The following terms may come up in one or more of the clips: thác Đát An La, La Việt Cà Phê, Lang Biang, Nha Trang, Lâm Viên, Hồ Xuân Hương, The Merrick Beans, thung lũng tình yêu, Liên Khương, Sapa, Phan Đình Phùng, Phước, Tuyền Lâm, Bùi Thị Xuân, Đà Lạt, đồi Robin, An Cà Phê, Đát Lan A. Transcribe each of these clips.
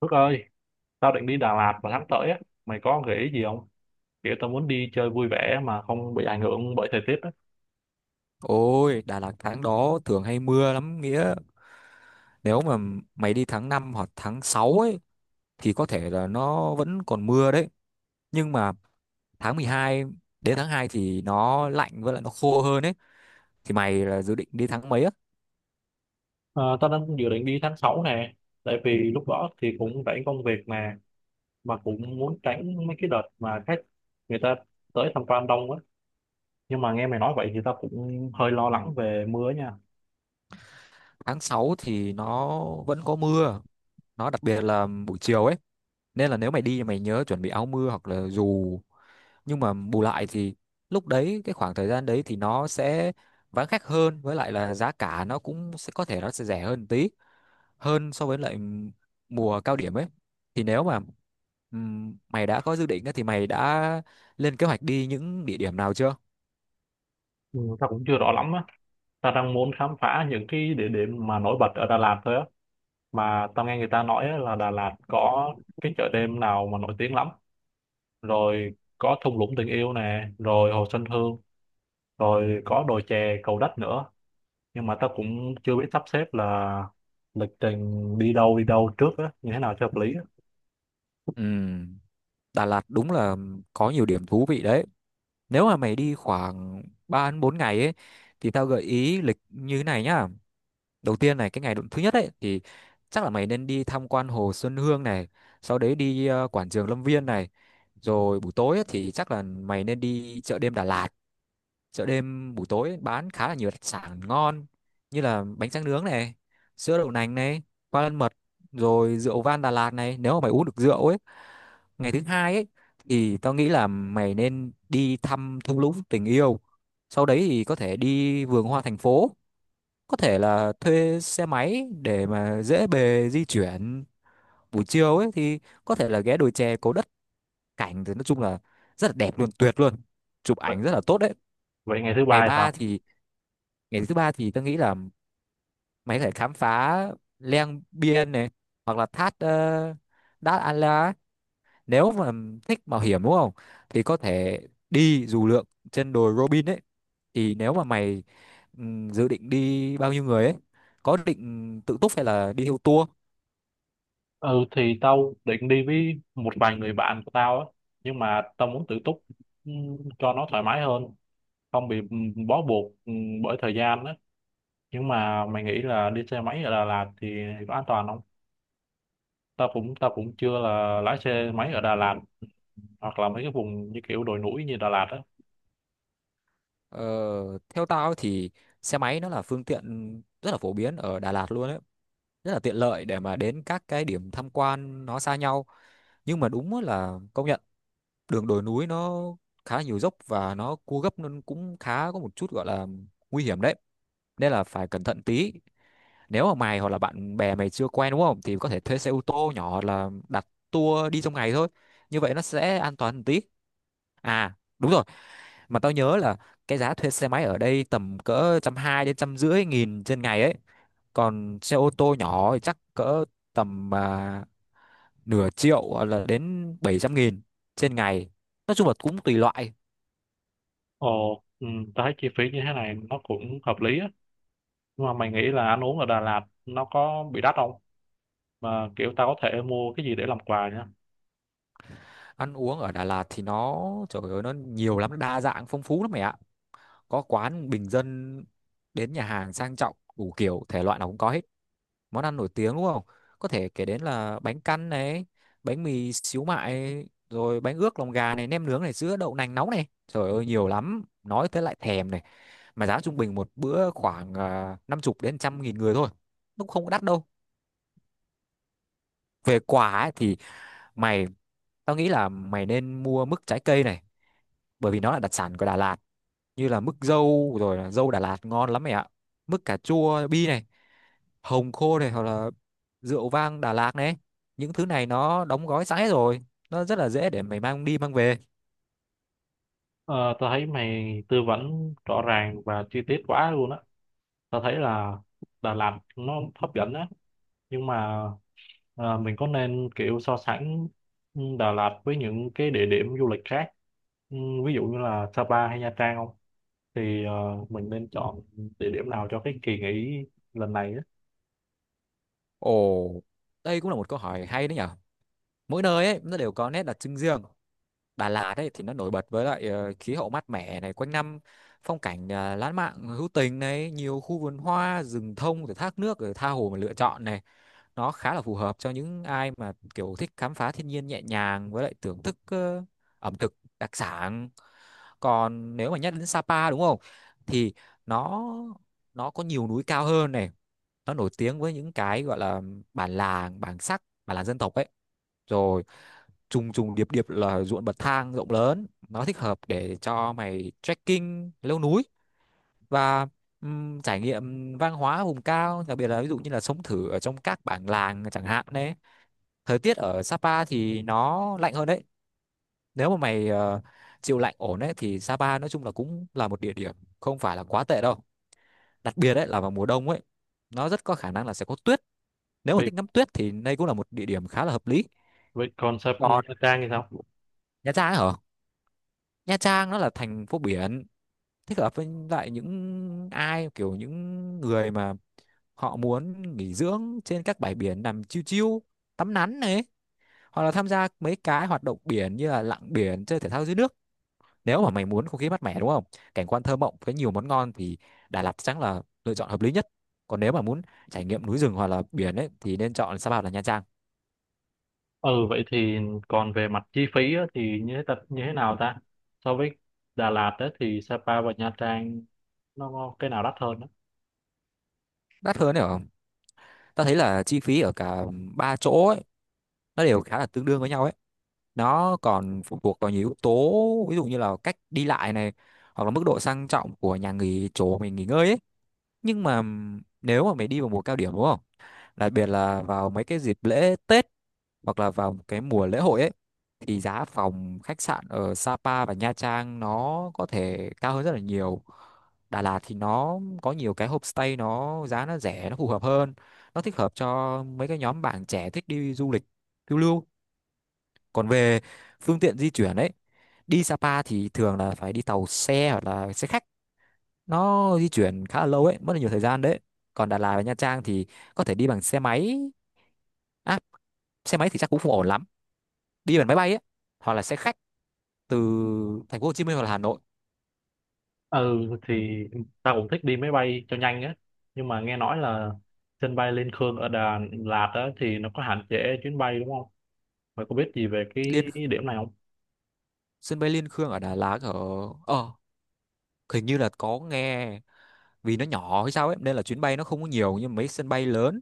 Phước ơi, tao định đi Đà Lạt vào tháng tới á, mày có gợi ý gì không? Kiểu tao muốn đi chơi vui vẻ mà không bị ảnh hưởng bởi thời tiết á. Ôi, Đà Lạt tháng đó thường hay mưa lắm Nghĩa. Nếu mà mày đi tháng 5 hoặc tháng 6 ấy thì có thể là nó vẫn còn mưa đấy. Nhưng mà tháng 12 đến tháng 2 thì nó lạnh với lại nó khô hơn ấy. Thì mày là dự định đi tháng mấy á? Ờ, Tao đang dự định đi tháng 6 nè, tại vì lúc đó thì cũng rảnh công việc nè, mà cũng muốn tránh mấy cái đợt mà khách người ta tới tham quan đông á. Nhưng mà nghe mày nói vậy thì tao cũng hơi lo lắng về mưa nha. Tháng 6 thì nó vẫn có mưa. Nó đặc biệt là buổi chiều ấy. Nên là nếu mày đi thì mày nhớ chuẩn bị áo mưa hoặc là dù. Nhưng mà bù lại thì lúc đấy cái khoảng thời gian đấy thì nó sẽ vắng khách hơn với lại là giá cả nó cũng sẽ có thể nó sẽ rẻ hơn tí hơn so với lại mùa cao điểm ấy thì nếu mà mày đã có dự định á, thì mày đã lên kế hoạch đi những địa điểm nào chưa? Ừ, tao cũng chưa rõ lắm á. Tao đang muốn khám phá những cái địa điểm mà nổi bật ở Đà Lạt thôi á. Mà tao nghe người ta nói á là Đà Lạt có cái chợ đêm nào mà nổi tiếng lắm, rồi có thung lũng tình yêu nè, rồi hồ Xuân Hương, rồi có đồi chè Cầu Đất nữa, nhưng mà tao cũng chưa biết sắp xếp là lịch trình đi đâu trước á như thế nào cho hợp lý á. Ừm, Đà Lạt đúng là có nhiều điểm thú vị đấy. Nếu mà mày đi khoảng 3 đến 4 ngày ấy thì tao gợi ý lịch như thế này nhá. Đầu tiên này cái ngày thứ nhất ấy thì chắc là mày nên đi tham quan hồ Xuân Hương này, sau đấy đi quảng trường Lâm Viên này. Rồi buổi tối ấy, thì chắc là mày nên đi chợ đêm Đà Lạt, chợ đêm buổi tối bán khá là nhiều đặc sản ngon như là bánh tráng nướng này, sữa đậu nành này, qua lân mật, rồi rượu vang Đà Lạt này, nếu mà mày uống được rượu ấy. Ngày thứ hai ấy thì tao nghĩ là mày nên đi thăm thung lũng tình yêu, sau đấy thì có thể đi vườn hoa thành phố, có thể là thuê xe máy để mà dễ bề di chuyển. Buổi chiều ấy thì có thể là ghé đồi chè cố Đất, cảnh thì nói chung là rất là đẹp luôn, tuyệt luôn, chụp vậy, ảnh rất là tốt đấy. vậy ngày thứ ngày ba thì ba sao? thì Ngày thứ ba thì tôi nghĩ là mày có thể khám phá Lang Biên này, hoặc là thác uh, Đát An La ấy. Nếu mà thích mạo hiểm đúng không thì có thể đi dù lượn trên đồi Robin ấy. Thì nếu mà mày dự định đi bao nhiêu người ấy, có định tự túc hay là đi theo tour? Ừ thì tao định đi với một vài người bạn của tao á, nhưng mà tao muốn tự túc, cho nó thoải mái hơn, không bị bó buộc bởi thời gian á. Nhưng mà mày nghĩ là đi xe máy ở Đà Lạt thì có an toàn không? Tao cũng chưa là lái xe máy ở Đà Lạt hoặc là mấy cái vùng như kiểu đồi núi như Đà Lạt á. ờ, Theo tao ấy thì xe máy nó là phương tiện rất là phổ biến ở Đà Lạt luôn ấy, rất là tiện lợi để mà đến các cái điểm tham quan nó xa nhau. Nhưng mà đúng là công nhận, đường đồi núi nó khá là nhiều dốc và nó cua gấp nên cũng khá có một chút gọi là nguy hiểm đấy, nên là phải cẩn thận tí. Nếu mà mày hoặc là bạn bè mày chưa quen đúng không thì có thể thuê xe ô tô nhỏ hoặc là đặt tour đi trong ngày thôi, như vậy nó sẽ an toàn một tí. À đúng rồi, mà tao nhớ là cái giá thuê xe máy ở đây tầm cỡ 120 nghìn đến 150 nghìn trên ngày ấy, còn xe ô tô nhỏ thì chắc cỡ tầm nửa triệu hoặc là đến 700 nghìn trên ngày, nói chung là cũng tùy loại. Ồ ừ, tao thấy chi phí như thế này nó cũng hợp lý á, nhưng mà mày nghĩ là ăn uống ở Đà Lạt nó có bị đắt không? Mà kiểu tao có thể mua cái gì để làm quà nhá? Ăn uống ở Đà Lạt thì nó, trời ơi, nó nhiều lắm, nó đa dạng phong phú lắm mày ạ. Có quán bình dân đến nhà hàng sang trọng, đủ kiểu thể loại nào cũng có hết. Món ăn nổi tiếng đúng không, có thể kể đến là bánh căn này, bánh mì xíu mại, rồi bánh ướt lòng gà này, nem nướng này, sữa đậu nành nóng này, trời ơi nhiều lắm, nói tới lại thèm này. Mà giá trung bình một bữa khoảng 50 nghìn đến 100 nghìn người thôi, nó cũng không có đắt đâu. Về quả ấy, thì mày tao nghĩ là mày nên mua mứt trái cây này, bởi vì nó là đặc sản của Đà Lạt, như là mứt dâu rồi là dâu Đà Lạt ngon lắm mày ạ, mứt cà chua bi này, hồng khô này, hoặc là rượu vang Đà Lạt này. Những thứ này nó đóng gói sẵn hết rồi, nó rất là dễ để mày mang đi mang về. Ờ, tao thấy mày tư vấn rõ ràng và chi tiết quá luôn á. Tao thấy là Đà Lạt nó hấp dẫn á, nhưng mà mình có nên kiểu so sánh Đà Lạt với những cái địa điểm du lịch khác, ừ, ví dụ như là Sapa hay Nha Trang không? Thì mình nên chọn địa điểm nào cho cái kỳ nghỉ lần này á? Ồ, đây cũng là một câu hỏi hay đấy nhở. Mỗi nơi ấy nó đều có nét đặc trưng riêng. Đà Lạt ấy thì nó nổi bật với lại khí hậu mát mẻ này quanh năm, phong cảnh lãng mạn hữu tình này, nhiều khu vườn hoa, rừng thông rồi thác nước, rồi tha hồ mà lựa chọn này. Nó khá là phù hợp cho những ai mà kiểu thích khám phá thiên nhiên nhẹ nhàng với lại thưởng thức ẩm thực đặc sản. Còn nếu mà nhắc đến Sapa đúng không thì nó nó có nhiều núi cao hơn này, nó nổi tiếng với những cái gọi là bản làng, bản làng dân tộc ấy, rồi trùng trùng điệp điệp là ruộng bậc thang rộng lớn, nó thích hợp để cho mày trekking leo núi và trải nghiệm văn hóa vùng cao, đặc biệt là ví dụ như là sống thử ở trong các bản làng chẳng hạn đấy. Thời tiết ở Sapa thì nó lạnh hơn đấy, nếu mà mày chịu lạnh ổn đấy thì Sapa nói chung là cũng là một địa điểm không phải là quá tệ đâu, đặc biệt đấy là vào mùa đông ấy, nó rất có khả năng là sẽ có tuyết. Nếu mà vậy thích ngắm tuyết thì đây cũng là một địa điểm khá là hợp lý. vậy còn sập Nha Còn Trang thì sao? Nha Trang ấy hả, Nha Trang nó là thành phố biển, thích hợp với lại những ai kiểu những người mà họ muốn nghỉ dưỡng trên các bãi biển, nằm chiêu chiêu tắm nắng này, hoặc là tham gia mấy cái hoạt động biển như là lặn biển, chơi thể thao dưới nước. Nếu mà mày muốn không khí mát mẻ đúng không, cảnh quan thơ mộng với nhiều món ngon thì Đà Lạt chắc là lựa chọn hợp lý nhất. Còn nếu mà muốn trải nghiệm núi rừng hoặc là biển ấy thì nên chọn Sapa hoặc là Nha Trang. Ừ vậy thì còn về mặt chi phí á, thì như thế tập như thế nào ta? So với Đà Lạt á, thì Sapa và Nha Trang nó có cái nào đắt hơn á? Đắt hơn đấy không, ta thấy là chi phí ở cả ba chỗ ấy nó đều khá là tương đương với nhau ấy, nó còn phụ thuộc vào nhiều yếu tố, ví dụ như là cách đi lại này, hoặc là mức độ sang trọng của nhà nghỉ, chỗ mình nghỉ ngơi ấy. Nhưng mà nếu mà mày đi vào mùa cao điểm đúng không, đặc biệt là vào mấy cái dịp lễ Tết hoặc là vào cái mùa lễ hội ấy, thì giá phòng khách sạn ở Sapa và Nha Trang nó có thể cao hơn rất là nhiều. Đà Lạt thì nó có nhiều cái homestay, nó giá nó rẻ, nó phù hợp hơn, nó thích hợp cho mấy cái nhóm bạn trẻ thích đi du lịch phiêu lưu. Còn về phương tiện di chuyển ấy, đi Sapa thì thường là phải đi tàu xe hoặc là xe khách, nó di chuyển khá là lâu ấy, mất là nhiều thời gian đấy. Còn Đà Lạt và Nha Trang thì có thể đi bằng xe máy, à, xe máy thì chắc cũng không ổn lắm, đi bằng máy bay ấy, hoặc là xe khách từ thành phố Hồ Chí Minh hoặc là Hà Nội. Ừ thì ta cũng thích đi máy bay cho nhanh á, nhưng mà nghe nói là sân bay Liên Khương ở Đà Lạt á, thì nó có hạn chế chuyến bay đúng không? Mày có biết gì về liên cái điểm này không? Sân bay Liên Khương ở Đà Lạt ở, ờ hình như là có nghe, vì nó nhỏ hay sao ấy nên là chuyến bay nó không có nhiều như mấy sân bay lớn.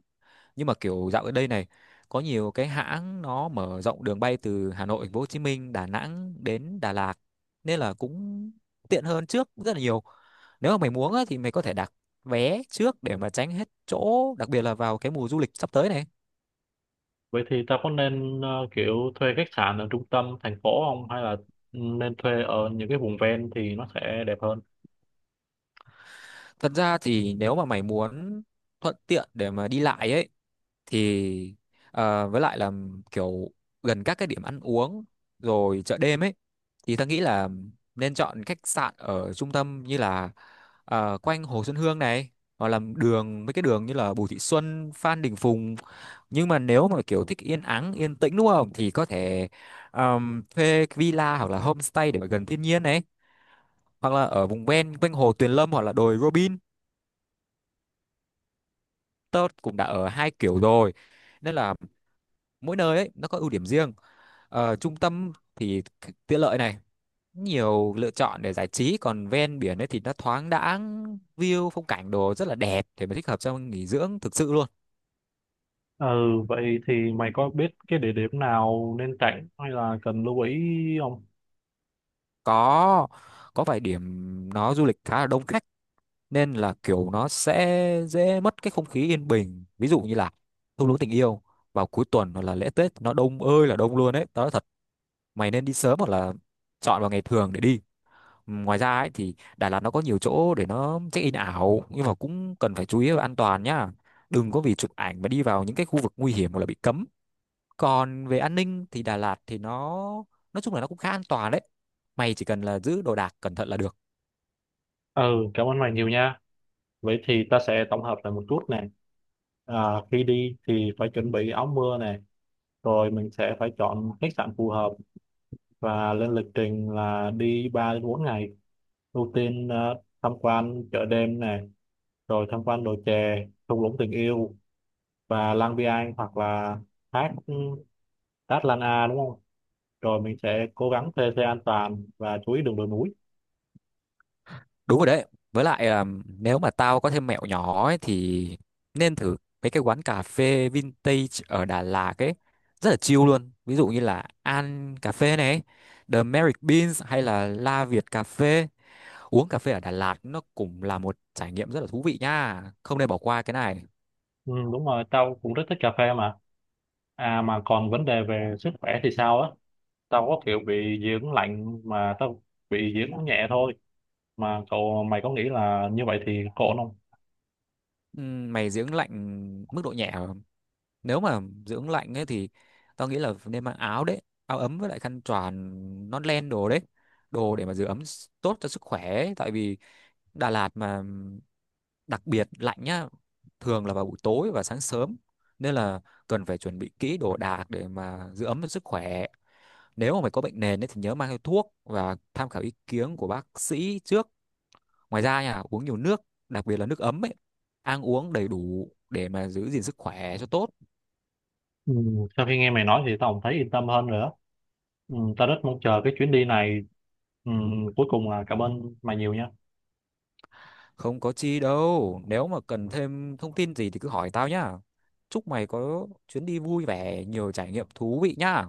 Nhưng mà kiểu dạo ở đây này, có nhiều cái hãng nó mở rộng đường bay từ Hà Nội, Thành phố Hồ Chí Minh, Đà Nẵng đến Đà Lạt, nên là cũng tiện hơn trước rất là nhiều. Nếu mà mày muốn á, thì mày có thể đặt vé trước để mà tránh hết chỗ, đặc biệt là vào cái mùa du lịch sắp tới này. Vậy thì tao có nên kiểu thuê khách sạn ở trung tâm thành phố không, hay là ừ, nên thuê ở những cái vùng ven thì nó sẽ đẹp hơn? Thật ra thì nếu mà mày muốn thuận tiện để mà đi lại ấy thì với lại là kiểu gần các cái điểm ăn uống rồi chợ đêm ấy, thì ta nghĩ là nên chọn khách sạn ở trung tâm, như là quanh Hồ Xuân Hương này, hoặc là đường mấy cái đường như là Bùi Thị Xuân, Phan Đình Phùng. Nhưng mà nếu mà kiểu thích yên ắng yên tĩnh đúng không thì có thể thuê villa hoặc là homestay để mà gần thiên nhiên này, hoặc là ở vùng ven quanh hồ Tuyền Lâm hoặc là đồi Robin. Tớ cũng đã ở hai kiểu rồi, nên là mỗi nơi ấy nó có ưu điểm riêng. Ờ, trung tâm thì tiện lợi này, nhiều lựa chọn để giải trí, còn ven biển ấy thì nó thoáng đãng, view phong cảnh đồ rất là đẹp, để mà thích hợp cho nghỉ dưỡng thực sự luôn. Ừ, vậy thì mày có biết cái địa điểm nào nên tránh hay là cần lưu ý không? Có có vài điểm nó du lịch khá là đông khách, nên là kiểu nó sẽ dễ mất cái không khí yên bình. Ví dụ như là thung lũng tình yêu vào cuối tuần hoặc là lễ Tết nó đông ơi là đông luôn đấy, tao nói thật. Mày nên đi sớm hoặc là chọn vào ngày thường để đi. Ngoài ra ấy thì Đà Lạt nó có nhiều chỗ để nó check-in ảo, nhưng mà cũng cần phải chú ý về an toàn nhá. Đừng có vì chụp ảnh mà đi vào những cái khu vực nguy hiểm hoặc là bị cấm. Còn về an ninh thì Đà Lạt thì nó nói chung là nó cũng khá an toàn đấy. Mày chỉ cần là giữ đồ đạc cẩn thận là được. Ừ, cảm ơn mày nhiều nha. Vậy thì ta sẽ tổng hợp lại một chút nè. À, khi đi thì phải chuẩn bị áo mưa nè, rồi mình sẽ phải chọn khách sạn phù hợp và lên lịch trình là đi 3 đến 4 ngày. Ưu tiên tham quan chợ đêm nè, rồi tham quan đồi chè, thung lũng tình yêu và Lang Biang, hoặc là thác Đát Lan A đúng không, rồi mình sẽ cố gắng thuê xe an toàn và chú ý đường đồi núi. Đúng rồi đấy. Với lại nếu mà tao có thêm mẹo nhỏ ấy thì nên thử mấy cái quán cà phê vintage ở Đà Lạt ấy. Rất là chill luôn. Ví dụ như là An Cà Phê này, The Merrick Beans, hay là La Việt Cà Phê. Uống cà phê ở Đà Lạt nó cũng là một trải nghiệm rất là thú vị nha. Không nên bỏ qua cái này. Ừ, đúng rồi, tao cũng rất thích cà phê mà. À mà còn vấn đề về sức khỏe thì sao á? Tao có kiểu bị dị ứng lạnh mà tao bị dị ứng nhẹ thôi, mà cậu mày có nghĩ là như vậy thì ổn không? Mày dưỡng lạnh mức độ nhẹ không? Nếu mà dưỡng lạnh ấy thì tao nghĩ là nên mang áo đấy, áo ấm với lại khăn choàng, nón len đồ đấy. Đồ để mà giữ ấm tốt cho sức khỏe ấy. Tại vì Đà Lạt mà đặc biệt lạnh nhá, thường là vào buổi tối và sáng sớm. Nên là cần phải chuẩn bị kỹ đồ đạc để mà giữ ấm cho sức khỏe. Nếu mà mày có bệnh nền ấy, thì nhớ mang theo thuốc và tham khảo ý kiến của bác sĩ trước. Ngoài ra nha, uống nhiều nước, đặc biệt là nước ấm ấy, ăn uống đầy đủ để mà giữ gìn sức khỏe cho tốt. Ừ, sau khi nghe mày nói thì tao cũng thấy yên tâm hơn nữa. Ừ, tao rất mong chờ cái chuyến đi này. Ừ, cuối cùng là cảm ơn mày nhiều nha. Không có chi đâu, nếu mà cần thêm thông tin gì thì cứ hỏi tao nhá. Chúc mày có chuyến đi vui vẻ, nhiều trải nghiệm thú vị nhá.